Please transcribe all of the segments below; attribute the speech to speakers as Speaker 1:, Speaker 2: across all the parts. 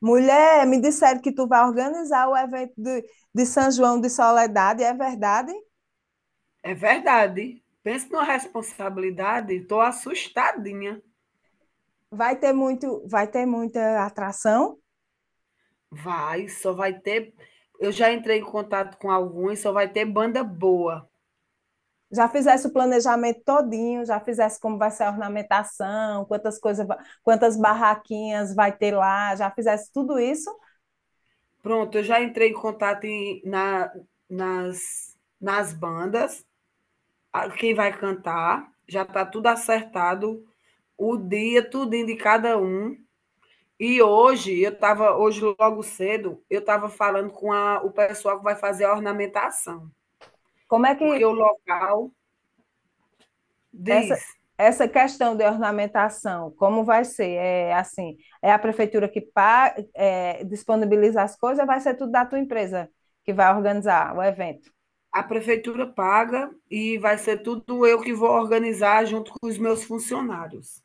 Speaker 1: Mulher, me disseram que tu vai organizar o evento de São João de Soledade, é verdade?
Speaker 2: É verdade. Pensa numa responsabilidade, estou assustadinha.
Speaker 1: Vai ter muito, vai ter muita atração?
Speaker 2: Vai, só vai ter. Eu já entrei em contato com alguns, só vai ter banda boa.
Speaker 1: Já fizesse o planejamento todinho, já fizesse como vai ser a ornamentação, quantas coisas, quantas barraquinhas vai ter lá, já fizesse tudo isso?
Speaker 2: Pronto, eu já entrei em contato nas bandas, quem vai cantar, já está tudo acertado, o dia, tudo de cada um. E hoje, hoje logo cedo, eu estava falando com o pessoal que vai fazer a ornamentação,
Speaker 1: Como é
Speaker 2: porque o
Speaker 1: que
Speaker 2: local
Speaker 1: essa
Speaker 2: diz.
Speaker 1: essa questão de ornamentação, como vai ser? É assim, é a prefeitura que disponibiliza as coisas, vai ser tudo da tua empresa que vai organizar o evento.
Speaker 2: A prefeitura paga e vai ser tudo eu que vou organizar junto com os meus funcionários.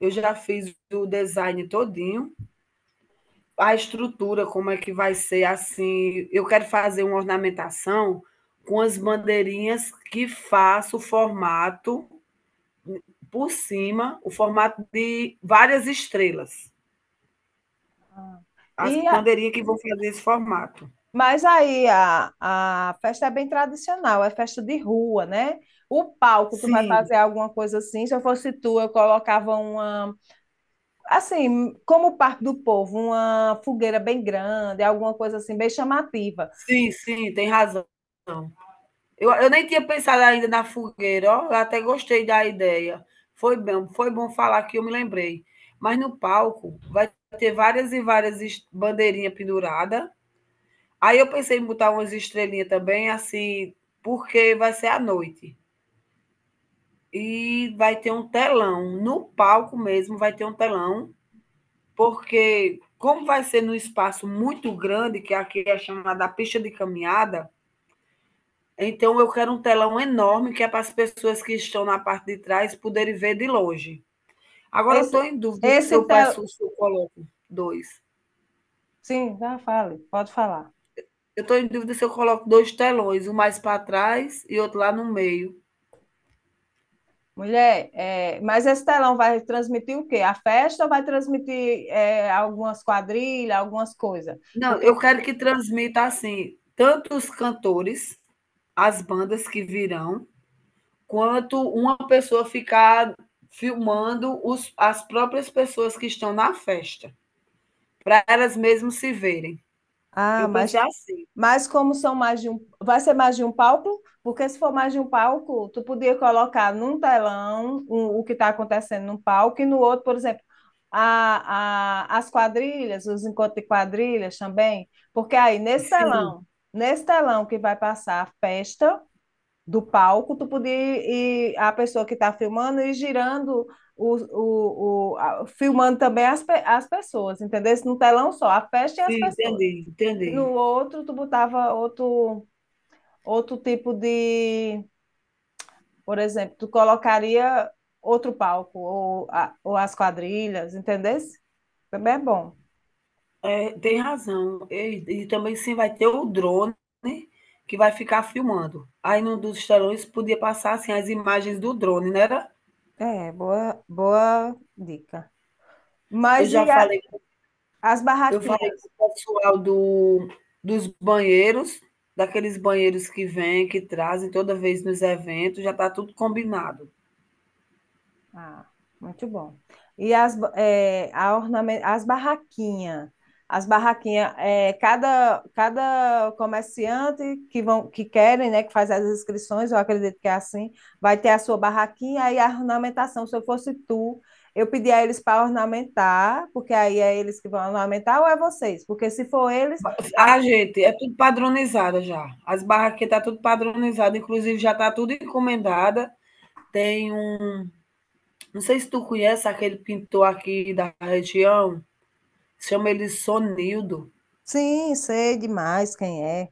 Speaker 2: Eu já fiz o design todinho, a estrutura, como é que vai ser assim. Eu quero fazer uma ornamentação com as bandeirinhas que faço o formato por cima, o formato de várias estrelas. As
Speaker 1: E
Speaker 2: bandeirinhas que vão fazer esse formato.
Speaker 1: Mas aí a festa é bem tradicional, é festa de rua, né? O palco, tu vai
Speaker 2: Sim,
Speaker 1: fazer alguma coisa assim. Se eu fosse tu, eu colocava uma, assim, como o Parque do Povo, uma fogueira bem grande, alguma coisa assim, bem chamativa.
Speaker 2: sim, sim, tem razão. Eu nem tinha pensado ainda na fogueira, ó, eu até gostei da ideia. Foi bom falar que eu me lembrei. Mas no palco vai ter várias e bandeirinhas penduradas. Aí eu pensei em botar umas estrelinhas também, assim, porque vai ser à noite. E vai ter um telão, no palco mesmo vai ter um telão, porque como vai ser num espaço muito grande, que aqui é chamada pista de caminhada. Então, eu quero um telão enorme que é para as pessoas que estão na parte de trás poderem ver de longe. Agora, eu
Speaker 1: Esse,
Speaker 2: estou em dúvida se
Speaker 1: esse
Speaker 2: eu
Speaker 1: telão.
Speaker 2: peço, se eu coloco dois.
Speaker 1: Sim, já fale, pode falar.
Speaker 2: Eu estou em dúvida se eu coloco 2 telões, um mais para trás e outro lá no meio.
Speaker 1: Mulher, é, mas esse telão vai transmitir o quê? A festa ou vai transmitir algumas quadrilhas, algumas coisas?
Speaker 2: Não, eu
Speaker 1: Porque.
Speaker 2: quero que transmita assim, tanto os cantores, as bandas que virão, quanto uma pessoa ficar filmando as próprias pessoas que estão na festa, para elas mesmas se verem.
Speaker 1: Ah,
Speaker 2: Eu pensei assim.
Speaker 1: mas como são mais de um, vai ser mais de um palco? Porque se for mais de um palco, tu podia colocar num telão o que está acontecendo num palco e no outro, por exemplo, as quadrilhas, os encontros de quadrilhas também, porque aí nesse
Speaker 2: Sim.
Speaker 1: nesse telão que vai passar a festa do palco, tu podia ir, a pessoa que está filmando e girando filmando também as pessoas, entendeu? No telão só, a festa e as
Speaker 2: Sim,
Speaker 1: pessoas.
Speaker 2: entendi,
Speaker 1: E no
Speaker 2: entendi.
Speaker 1: outro, tu botava outro, outro tipo de. Por exemplo, tu colocaria outro palco, ou, ou as quadrilhas, entendesse? Também é bom.
Speaker 2: É, tem razão. E também sim vai ter o drone, né, que vai ficar filmando. Aí num dos telões podia passar, assim, as imagens do drone, não era?
Speaker 1: É, boa, boa dica.
Speaker 2: Eu
Speaker 1: Mas
Speaker 2: já falei
Speaker 1: as
Speaker 2: eu falei
Speaker 1: barraquinhas?
Speaker 2: com o pessoal do dos banheiros, daqueles banheiros que vêm, que trazem toda vez nos eventos, já está tudo combinado.
Speaker 1: Ah, muito bom. E as, ba- é, a ornamen- as as barraquinhas, é, cada comerciante que vão, que querem, né, que faz as inscrições, eu acredito que é assim, vai ter a sua barraquinha e a ornamentação. Se eu fosse tu, eu pedia a eles para ornamentar, porque aí é eles que vão ornamentar ou é vocês? Porque se for eles,
Speaker 2: Ma
Speaker 1: a-
Speaker 2: A gente é tudo padronizada já. As barraquinhas está tudo padronizada, inclusive já está tudo encomendada. Tem um Não sei se tu conhece aquele pintor aqui da região, chama ele Sonildo.
Speaker 1: sim, sei demais quem é.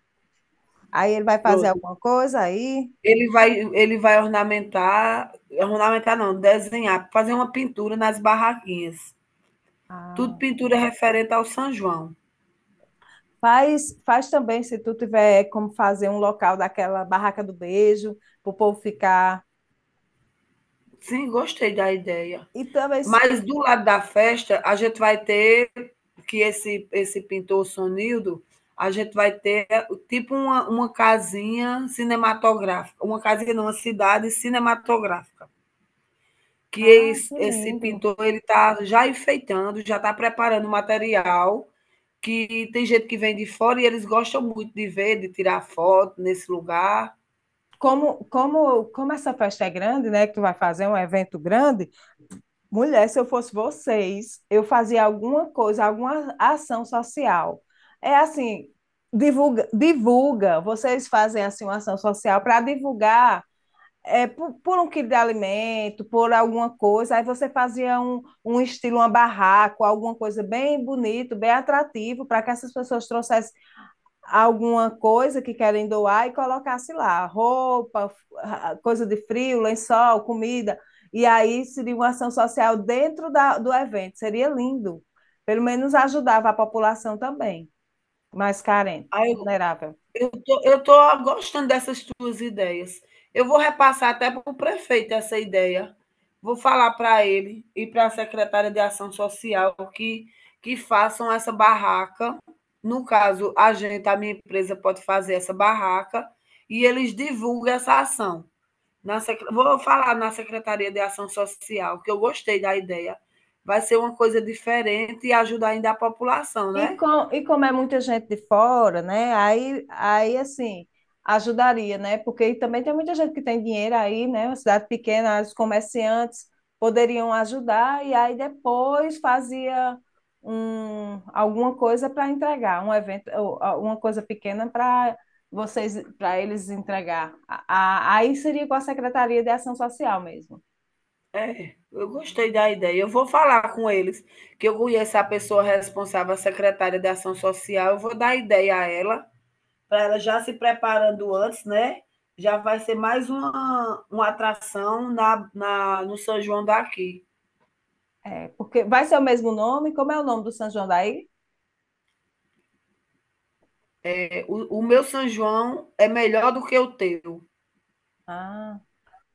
Speaker 1: Aí ele vai fazer
Speaker 2: Pronto.
Speaker 1: alguma coisa aí?
Speaker 2: Ele vai ornamentar ornamentar não, desenhar, fazer uma pintura nas barraquinhas. Tudo
Speaker 1: Ah.
Speaker 2: pintura referente ao São João.
Speaker 1: Faz, faz também, se tu tiver como fazer um local daquela barraca do beijo, para o povo ficar.
Speaker 2: Sim, gostei da ideia.
Speaker 1: E também.
Speaker 2: Mas do lado da festa, a gente vai ter que esse pintor Sonildo, a gente vai ter tipo uma casinha não, uma cidade cinematográfica. Que
Speaker 1: Ah,
Speaker 2: es
Speaker 1: que
Speaker 2: esse
Speaker 1: lindo!
Speaker 2: pintor ele está já enfeitando, já está preparando o material, que tem gente que vem de fora e eles gostam muito de ver, de tirar foto nesse lugar.
Speaker 1: Como essa festa é grande, né? Que tu vai fazer um evento grande, mulher, se eu fosse vocês, eu fazia alguma coisa, alguma ação social. É assim, divulga, divulga. Vocês fazem assim uma ação social para divulgar um quilo de alimento, por alguma coisa, aí você fazia um estilo, uma barraco, alguma coisa bem bonito, bem atrativo, para que essas pessoas trouxessem alguma coisa que querem doar e colocasse lá, roupa, ah, coisa de frio, lençol, comida, e aí seria uma ação social dentro do evento, seria lindo, pelo menos ajudava a população também, mais carente,
Speaker 2: Aí eu
Speaker 1: vulnerável.
Speaker 2: eu tô eu tô gostando dessas tuas ideias. Eu vou repassar até para o prefeito essa ideia. Vou falar para ele e para a secretária de ação social que façam essa barraca. No caso, a gente, a minha empresa pode fazer essa barraca e eles divulguem essa ação. Vou falar na Secretaria de Ação Social, que eu gostei da ideia. Vai ser uma coisa diferente e ajudar ainda a população, né?
Speaker 1: E como é muita gente de fora, né? Aí, aí assim, ajudaria, né? Porque também tem muita gente que tem dinheiro aí, né? Uma cidade pequena, os comerciantes poderiam ajudar e aí depois fazia alguma coisa para entregar, um evento, uma coisa pequena para vocês, para eles entregar. Aí seria com a Secretaria de Ação Social mesmo.
Speaker 2: É, eu gostei da ideia. Eu vou falar com eles, que eu conheço a pessoa responsável, a secretária de Ação Social. Eu vou dar ideia a ela, para ela já se preparando antes, né? Já vai ser mais uma atração no São João daqui.
Speaker 1: É, porque vai ser o mesmo nome? Como é o nome do São João daí?
Speaker 2: É, o meu São João é melhor do que o teu.
Speaker 1: Ah.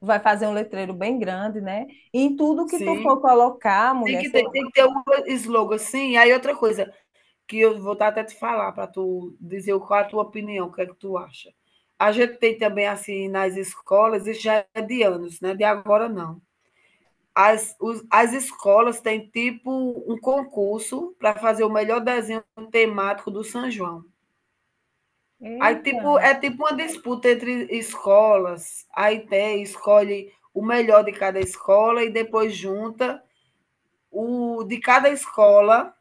Speaker 1: Vai fazer um letreiro bem grande, né? E em tudo que tu
Speaker 2: Sim.
Speaker 1: for colocar, mulher, seu...
Speaker 2: Tem que ter um slogan assim. E aí outra coisa que eu vou tá até te falar para tu dizer qual a tua opinião, o que é que tu acha. A gente tem também assim nas escolas, isso já é de anos, né? De agora não. As escolas têm tipo um concurso para fazer o melhor desenho temático do São João. Aí
Speaker 1: Eita!
Speaker 2: tipo uma disputa entre escolas. Aí tem, escolhe o melhor de cada escola e depois junta o de cada escola,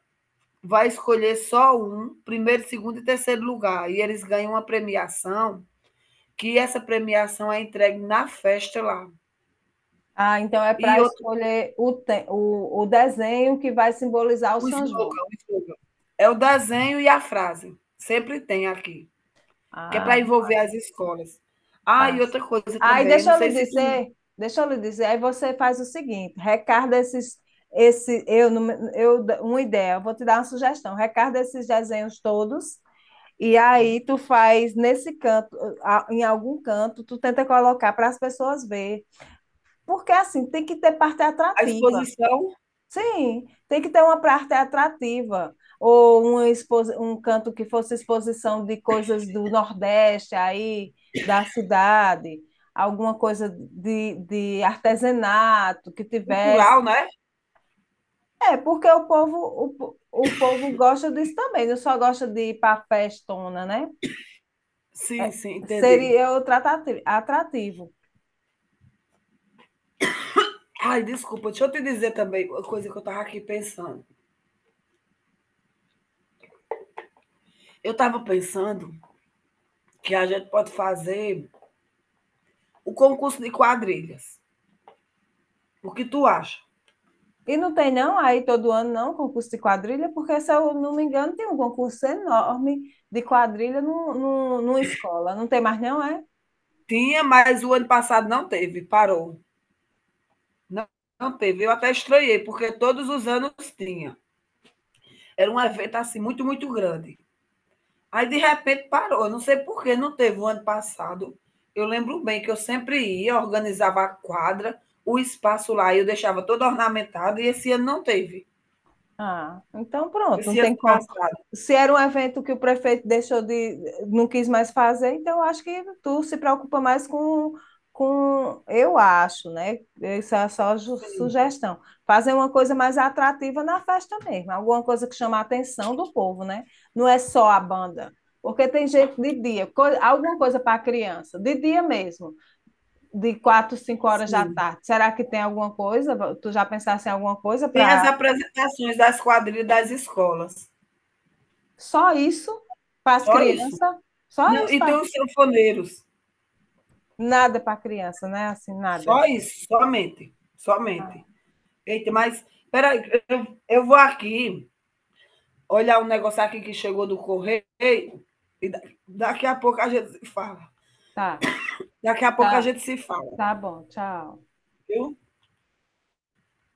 Speaker 2: vai escolher só um, primeiro, segundo e terceiro lugar. E eles ganham uma premiação, que essa premiação é entregue na festa lá.
Speaker 1: Ah, então é
Speaker 2: E
Speaker 1: para
Speaker 2: outro,
Speaker 1: escolher o desenho que vai simbolizar o São João.
Speaker 2: o slogan. É o desenho e a frase. Sempre tem aqui, que é
Speaker 1: Ah,
Speaker 2: para envolver
Speaker 1: massa,
Speaker 2: as escolas. Ah, e
Speaker 1: passa.
Speaker 2: outra coisa
Speaker 1: Aí
Speaker 2: também,
Speaker 1: deixa
Speaker 2: não
Speaker 1: eu lhe
Speaker 2: sei se tu,
Speaker 1: dizer, deixa eu lhe dizer, aí você faz o seguinte, recarda esses, esse, eu, não eu, uma ideia, eu vou te dar uma sugestão, recarda esses desenhos todos, e aí tu faz nesse canto, em algum canto, tu tenta colocar para as pessoas verem, porque assim, tem que ter parte
Speaker 2: a
Speaker 1: atrativa.
Speaker 2: exposição
Speaker 1: Sim, tem que ter uma parte atrativa. Um canto que fosse exposição de coisas do Nordeste aí, da cidade, alguma coisa de artesanato que tivesse.
Speaker 2: cultural, né?
Speaker 1: É, porque o povo gosta disso também, não só gosta de ir para festona, né?
Speaker 2: Sim, sim, entendi.
Speaker 1: Seria o atrativo.
Speaker 2: Ai, desculpa, deixa eu te dizer também uma coisa que eu estava aqui pensando. Eu estava pensando que a gente pode fazer o concurso de quadrilhas. O que tu acha?
Speaker 1: E não tem não aí todo ano não concurso de quadrilha, porque se eu não me engano tem um concurso enorme de quadrilha numa escola. Não tem mais não, é?
Speaker 2: Tinha, mas o ano passado não teve, parou. Não, não teve. Eu até estranhei, porque todos os anos tinha. Era um evento assim muito, muito grande. Aí de repente parou. Eu não sei por que não teve o ano passado. Eu lembro bem que eu sempre ia, organizava a quadra, o espaço lá, eu deixava todo ornamentado, e esse ano não teve.
Speaker 1: Ah, então pronto, não
Speaker 2: Esse ano
Speaker 1: tem como.
Speaker 2: passado.
Speaker 1: Se era um evento que o prefeito deixou de, não quis mais fazer, então eu acho que tu se preocupa mais eu acho, né? Isso é só
Speaker 2: Sim,
Speaker 1: sugestão. Fazer uma coisa mais atrativa na festa mesmo, alguma coisa que chama a atenção do povo, né? Não é só a banda, porque tem gente de dia, alguma coisa para criança, de dia mesmo, de quatro, cinco horas da
Speaker 2: sim.
Speaker 1: tarde. Será que tem alguma coisa? Tu já pensaste em alguma coisa
Speaker 2: Tem as
Speaker 1: para
Speaker 2: apresentações das quadrilhas das escolas.
Speaker 1: só isso para as
Speaker 2: Só isso.
Speaker 1: crianças? Só
Speaker 2: Não,
Speaker 1: isso
Speaker 2: e tem
Speaker 1: para
Speaker 2: os sanfoneiros.
Speaker 1: nada para a criança, né? Assim, nada.
Speaker 2: Só isso, somente,
Speaker 1: Ah,
Speaker 2: somente. Eita, mas peraí, eu vou aqui olhar um negócio aqui que chegou do correio e da- daqui a pouco a gente se fala.
Speaker 1: tá,
Speaker 2: Daqui a pouco a
Speaker 1: tá,
Speaker 2: gente se fala,
Speaker 1: tá bom, tchau.
Speaker 2: viu?